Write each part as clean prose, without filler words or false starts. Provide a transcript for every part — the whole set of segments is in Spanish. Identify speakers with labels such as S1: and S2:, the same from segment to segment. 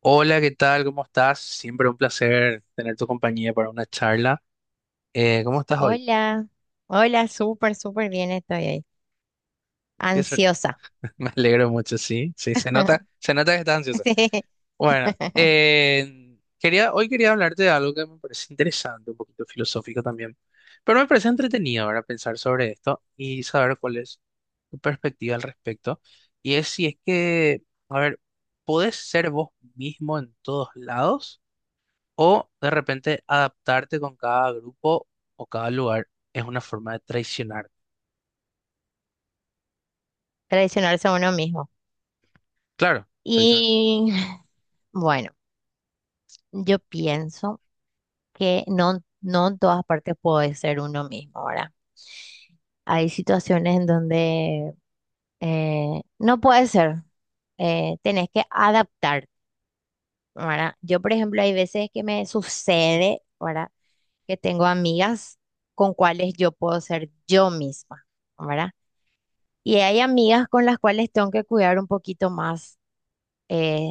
S1: Hola, ¿qué tal? ¿Cómo estás? Siempre un placer tener tu compañía para una charla. ¿Cómo estás hoy?
S2: Hola, hola, súper, súper bien estoy ahí.
S1: Qué suer-
S2: Ansiosa.
S1: Me alegro mucho, sí, sí, se nota que estás ansiosa.
S2: Sí,
S1: Bueno, hoy quería hablarte de algo que me parece interesante, un poquito filosófico también, pero me parece entretenido ahora pensar sobre esto y saber cuál es tu perspectiva al respecto. Y es si es que, a ver, ¿podés ser vos mismo en todos lados? O de repente adaptarte con cada grupo o cada lugar es una forma de traicionar.
S2: traicionarse a uno mismo.
S1: Claro, traicionarse.
S2: Y bueno, yo pienso que no, no en todas partes puede ser uno mismo ahora. Hay situaciones en donde no puede ser. Tenés que adaptarte, ¿verdad? Yo, por ejemplo, hay veces que me sucede, ¿verdad? Que tengo amigas con cuales yo puedo ser yo misma, ¿verdad? Y hay amigas con las cuales tengo que cuidar un poquito más eh,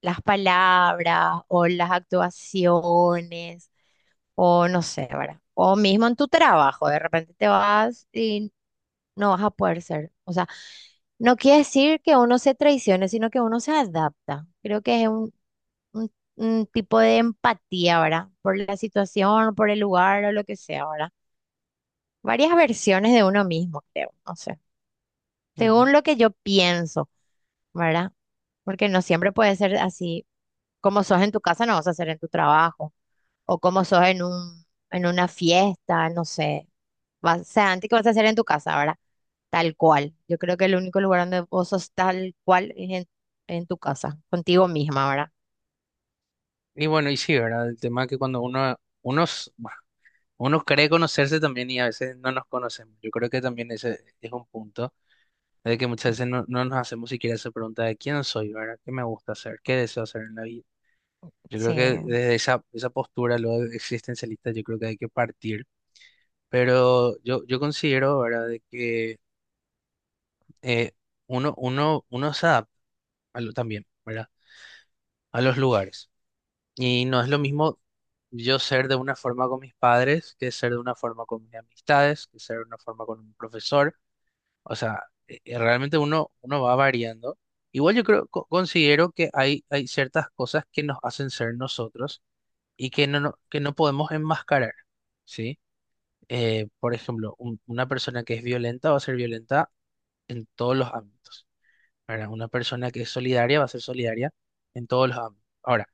S2: las palabras o las actuaciones o no sé, ¿verdad? O mismo en tu trabajo, de repente te vas y no vas a poder ser. O sea, no quiere decir que uno se traicione, sino que uno se adapta. Creo que es un tipo de empatía, ¿verdad? Por la situación, por el lugar o lo que sea, ¿verdad? Varias versiones de uno mismo, creo, no sé.
S1: Ujú.
S2: Según lo que yo pienso. ¿Verdad? Porque no siempre puede ser así. Como sos en tu casa, no vas a ser en tu trabajo. O como sos en en una fiesta, no sé. Vas, o sea, antes que vas a hacer en tu casa, ¿verdad? Tal cual. Yo creo que el único lugar donde vos sos tal cual es en tu casa, contigo misma, ¿verdad?
S1: Y bueno, y sí, ¿verdad? El tema que cuando uno, unos, bueno, uno cree conocerse también y a veces no nos conocemos. Yo creo que también ese es un punto de que muchas veces no nos hacemos siquiera esa pregunta de quién soy, ¿verdad? ¿Qué me gusta hacer? ¿Qué deseo hacer en la vida? Yo
S2: Sí,
S1: creo que desde esa postura, lo existencialista, yo creo que hay que partir. Pero yo considero, ¿verdad?, de que eh, uno se adapta también, ¿verdad? A los lugares. Y no es lo mismo yo ser de una forma con mis padres que ser de una forma con mis amistades, que ser de una forma con un profesor. O sea, realmente uno va variando. Igual yo creo, considero que hay ciertas cosas que nos hacen ser nosotros y que que no podemos enmascarar, ¿sí? Por ejemplo, una persona que es violenta va a ser violenta en todos los ámbitos. ¿Verdad? Una persona que es solidaria va a ser solidaria en todos los ámbitos. Ahora,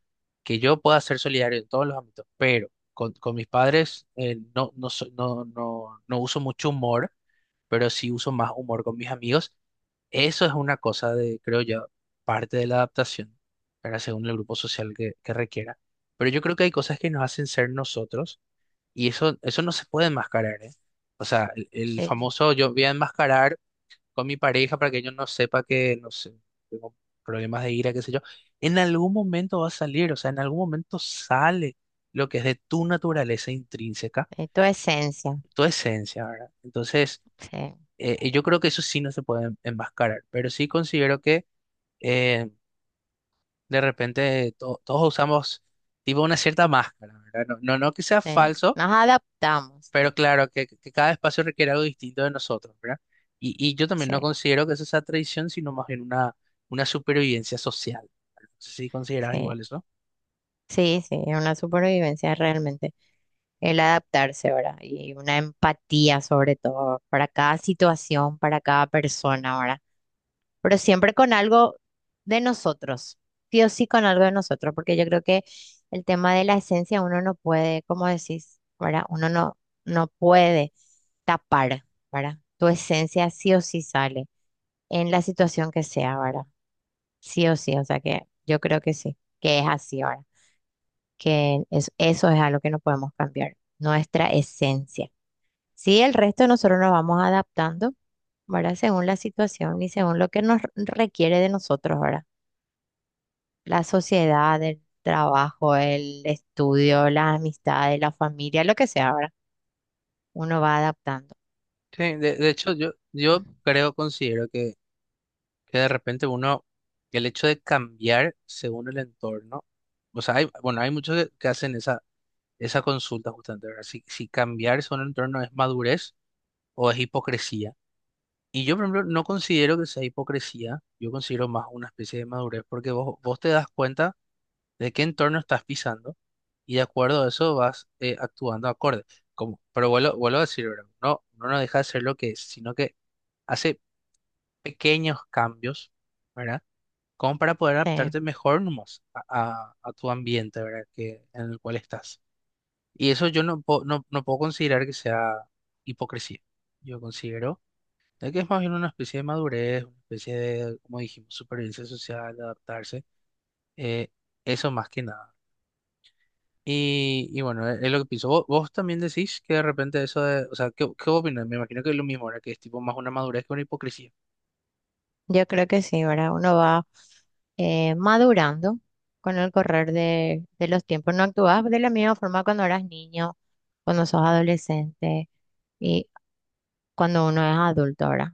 S1: que yo pueda ser solidario en todos los ámbitos, pero con mis padres no uso mucho humor, pero sí uso más humor con mis amigos. Eso es una cosa de, creo yo, parte de la adaptación, ¿verdad? Según el grupo social que requiera. Pero yo creo que hay cosas que nos hacen ser nosotros y eso no se puede enmascarar, ¿eh? O sea, el
S2: es,
S1: famoso yo voy a enmascarar con mi pareja para que ellos no sepa que, no sé, tengo problemas de ira, qué sé yo, en algún momento va a salir, o sea, en algún momento sale lo que es de tu naturaleza intrínseca,
S2: es tu esencia.
S1: tu esencia, ¿verdad? Entonces,
S2: Sí,
S1: yo creo que eso sí no se puede enmascarar, pero sí considero que eh, de repente todos usamos tipo una cierta máscara, ¿verdad? No que sea
S2: sí.
S1: falso.
S2: Nos adaptamos,
S1: Pero
S2: sí,
S1: claro, que cada espacio requiere algo distinto de nosotros, ¿verdad? Y yo también
S2: sí,
S1: no considero que eso sea tradición, sino más bien una supervivencia social. No sé si consideras
S2: sí.
S1: igual eso.
S2: Sí, sí, es una supervivencia realmente. El adaptarse, ¿verdad? Y una empatía sobre todo para cada situación, para cada persona, ¿verdad? Pero siempre con algo de nosotros, sí o sí con algo de nosotros, porque yo creo que el tema de la esencia uno no puede, como decís, ¿verdad? Uno no, no puede tapar, ¿verdad? Tu esencia sí o sí sale en la situación que sea, ¿verdad? Sí o sí, o sea que yo creo que sí, que es así, ¿verdad? Eso es algo que no podemos cambiar, nuestra esencia. Sí, el resto nosotros nos vamos adaptando, ¿verdad? Según la situación y según lo que nos requiere de nosotros, ¿verdad? La sociedad, el trabajo, el estudio, las amistades, la familia, lo que sea, ¿verdad? Uno va adaptando.
S1: Sí, de hecho, yo creo, considero que de repente uno, el hecho de cambiar según el entorno, o sea, hay, bueno, hay muchos que hacen esa consulta justamente, ¿verdad? Si cambiar según el entorno es madurez o es hipocresía. Y yo, por ejemplo, no considero que sea hipocresía, yo considero más una especie de madurez, porque vos te das cuenta de qué entorno estás pisando y de acuerdo a eso vas actuando acorde. Como, pero vuelvo a decir, ¿verdad? No nos deja de ser lo que es, sino que hace pequeños cambios, ¿verdad? Como para poder
S2: Sí,
S1: adaptarte mejor nomás a tu ambiente, ¿verdad? Que, en el cual estás. Y eso yo no puedo considerar que sea hipocresía. Yo considero es que es más bien una especie de madurez, una especie de, como dijimos, supervivencia social, de adaptarse, eh, eso más que nada. Y bueno, es lo que pienso. Vos también decís que de repente eso de, o sea, qué opinas? Me imagino que es lo mismo, ahora que es tipo más una madurez que una hipocresía.
S2: yo creo que sí, ¿verdad? Uno va madurando con el correr de los tiempos. No actúas de la misma forma cuando eras niño, cuando sos adolescente y cuando uno es adulto, ¿verdad?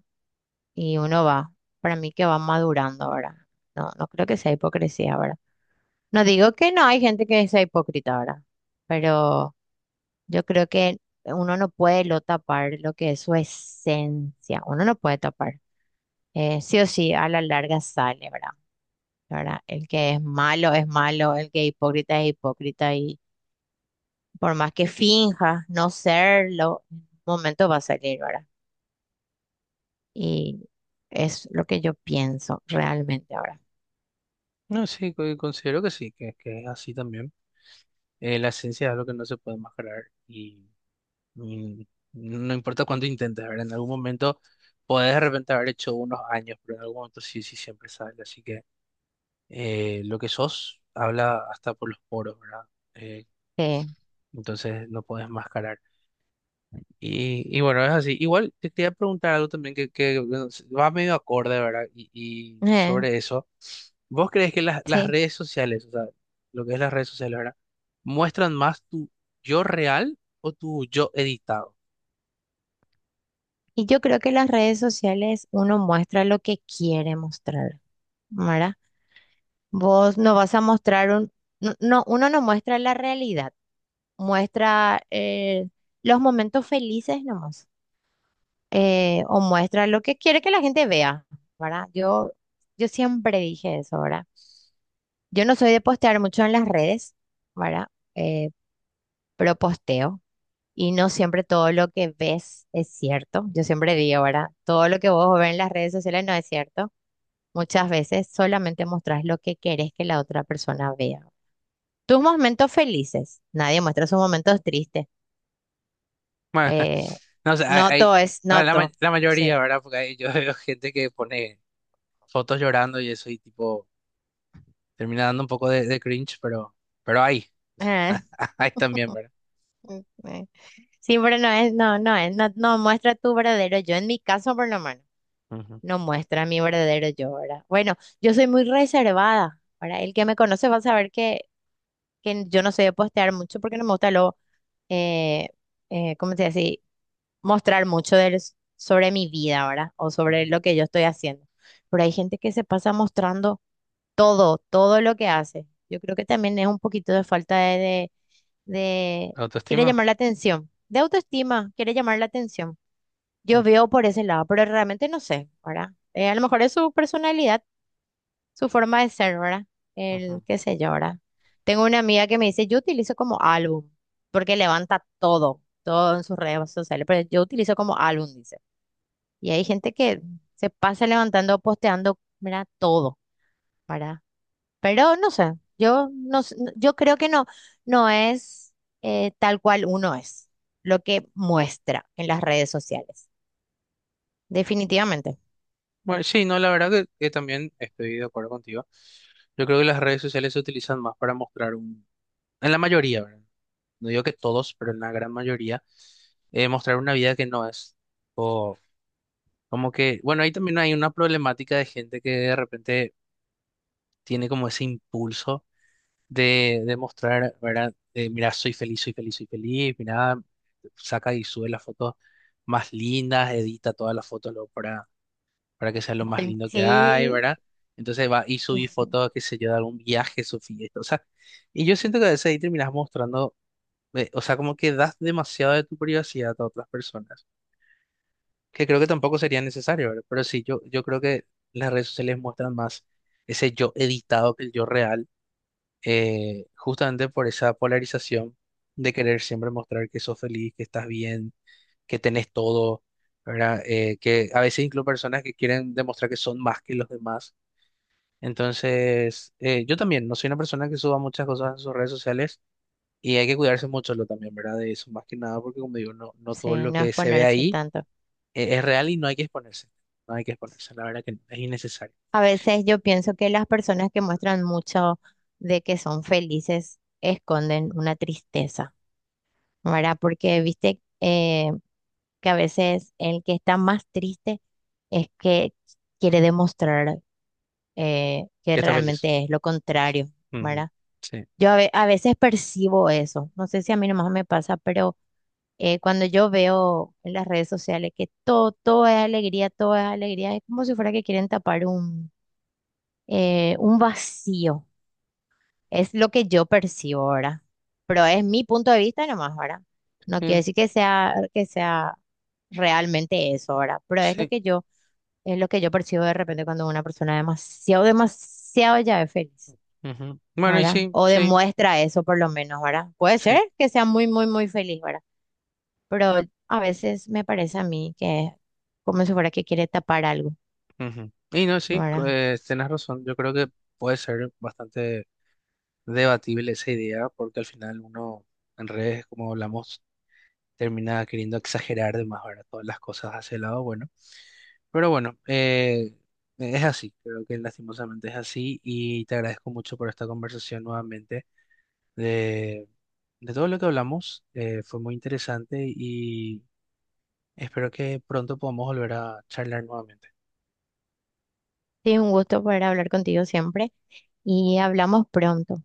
S2: Y uno va, para mí que va madurando ahora. No, no creo que sea hipocresía ahora. No digo que no hay gente que sea hipócrita ahora, pero yo creo que uno no puede lo tapar lo que es su esencia, uno no puede tapar. Sí o sí, a la larga sale, ¿verdad? ¿Verdad? El que es malo, el que es hipócrita y por más que finjas no serlo, en un momento va a salir, ¿verdad? Y es lo que yo pienso realmente ahora.
S1: No, sí, considero que sí, que es así también. La esencia es algo que no se puede mascarar y no importa cuánto intentes, ¿verdad? En algún momento podés de repente haber hecho unos años, pero en algún momento sí, sí, siempre sale, así que... lo que sos habla hasta por los poros, ¿verdad? Eh,
S2: Sí,
S1: entonces no podés mascarar. Y bueno, es así. Igual te quería preguntar algo también que bueno, va medio acorde, ¿verdad? Y
S2: eh,
S1: sobre eso, ¿vos crees que las
S2: sí.
S1: redes sociales, o sea, lo que es las redes sociales, ¿verdad? ¿Muestran más tu yo real o tu yo editado?
S2: Y yo creo que las redes sociales uno muestra lo que quiere mostrar, ¿verdad? Vos no vas a mostrar un... No, no, uno no muestra la realidad, muestra los momentos felices nomás, o muestra lo que quiere que la gente vea, ¿verdad? Yo siempre dije eso, ¿verdad? Yo no soy de postear mucho en las redes, ¿verdad? Eh, pero posteo. Y no siempre todo lo que ves es cierto. Yo siempre digo, ¿verdad? Todo lo que vos ves en las redes sociales no es cierto. Muchas veces solamente mostrás lo que querés que la otra persona vea. Tus momentos felices. Nadie muestra sus momentos tristes.
S1: Bueno,
S2: Eh,
S1: no sé,
S2: no todo es,
S1: bueno,
S2: no todo.
S1: la mayoría,
S2: Sí.
S1: ¿verdad? Porque hay- yo veo gente que pone fotos llorando y eso y tipo... Termina dando un poco de cringe, pero hay,
S2: Eh,
S1: hay también, ¿verdad?
S2: mm, eh. Sí, pero no es, no, no es, no, no muestra tu verdadero yo. En mi caso, por lo menos,
S1: Ujú,
S2: no muestra mi verdadero yo, ¿verdad? Bueno, yo soy muy reservada. Ahora, el que me conoce va a saber que yo no sé postear mucho porque no me gusta lo, eh, ¿cómo se dice así? Mostrar mucho del- Sobre mi vida, ¿verdad? O sobre
S1: ujú.
S2: lo que yo estoy haciendo. Pero hay gente que se pasa mostrando todo, todo lo que hace. Yo creo que también es un poquito de de- quiere
S1: Autoestima.
S2: llamar la atención, de autoestima, quiere llamar la atención. Yo
S1: Ujú,
S2: veo por ese lado, pero realmente no sé, ¿verdad? A lo mejor es su personalidad su forma de ser, ¿verdad? El
S1: ujú.
S2: qué sé yo, ¿verdad? Tengo una amiga que me dice, yo utilizo como álbum, porque levanta todo, todo en sus redes sociales, pero yo utilizo como álbum, dice. Y hay gente que se pasa levantando, posteando, mira, todo, ¿verdad? Pero no sé, yo creo que no, no es tal cual uno es, lo que muestra en las redes sociales, definitivamente.
S1: Bueno, sí, no, la verdad que también estoy de acuerdo contigo. Yo creo que las redes sociales se utilizan más para mostrar un, en la mayoría, ¿verdad? No digo que todos, pero en la gran mayoría, mostrar una vida que no es. O como que, bueno, ahí también hay una problemática de gente que de repente tiene como ese impulso. De mostrar, ¿verdad? De, mira, soy feliz, soy feliz, soy feliz, mira, saca y sube las fotos más lindas, edita todas las fotos luego para que sea lo más lindo que hay,
S2: Sí,
S1: ¿verdad? Entonces va y subí fotos, qué sé yo, de algún viaje, su fiesta, o sea, y yo siento que a veces ahí terminas mostrando, o sea, como que das demasiado de tu privacidad a otras personas, que creo que tampoco sería necesario, ¿verdad? Pero sí, yo creo que las redes sociales muestran más ese yo editado que el yo real justamente por esa polarización de querer siempre mostrar que sos feliz, que estás bien, que tenés todo, ¿verdad? Que a veces incluso personas que quieren demostrar que son más que los demás. Entonces, yo también no soy una persona que suba muchas cosas en sus redes sociales y hay que cuidarse mucho lo también, ¿verdad? De eso, más que nada, porque como digo, no todo
S2: sí,
S1: lo
S2: no es
S1: que se ve
S2: ponerse
S1: ahí
S2: tanto.
S1: es real y no hay que exponerse. No hay que exponerse, la verdad que es innecesario.
S2: A veces yo pienso que las personas que muestran mucho de que son felices esconden una tristeza, ¿verdad? Porque viste que a veces el que está más triste es que quiere demostrar que
S1: Que estás feliz.
S2: realmente es lo contrario,
S1: Ujú.
S2: ¿verdad?
S1: Sí.
S2: A veces percibo eso, no sé si a mí nomás me pasa, pero cuando yo veo en las redes sociales que todo, todo es alegría, es como si fuera que quieren tapar un vacío. Es lo que yo percibo ahora. Pero es mi punto de vista nomás ahora. No quiere
S1: Em,
S2: decir que sea realmente eso ahora. Pero es lo
S1: sí.
S2: que yo, es lo que yo percibo de repente cuando una persona demasiado, demasiado ya es feliz,
S1: Ujú. Bueno, y
S2: ¿verdad?
S1: sí,
S2: O
S1: sí.
S2: demuestra eso por lo menos, ¿verdad? Puede
S1: Sí.
S2: ser que sea muy, muy, muy feliz, ¿verdad? Pero a veces me parece a mí que es como si fuera que quiere tapar algo,
S1: Ujú. Y no, sí,
S2: ¿verdad?
S1: tienes razón. Yo creo que puede ser bastante debatible esa idea, porque al final uno en redes, como hablamos, termina queriendo exagerar de más, ¿verdad? Todas las cosas hacia el lado bueno. Pero bueno, es así, creo que lastimosamente es así. Y te agradezco mucho por esta conversación nuevamente de, de todo lo que hablamos. Fue muy interesante y espero que pronto podamos volver a charlar nuevamente.
S2: Sí, un gusto poder hablar contigo siempre y hablamos pronto.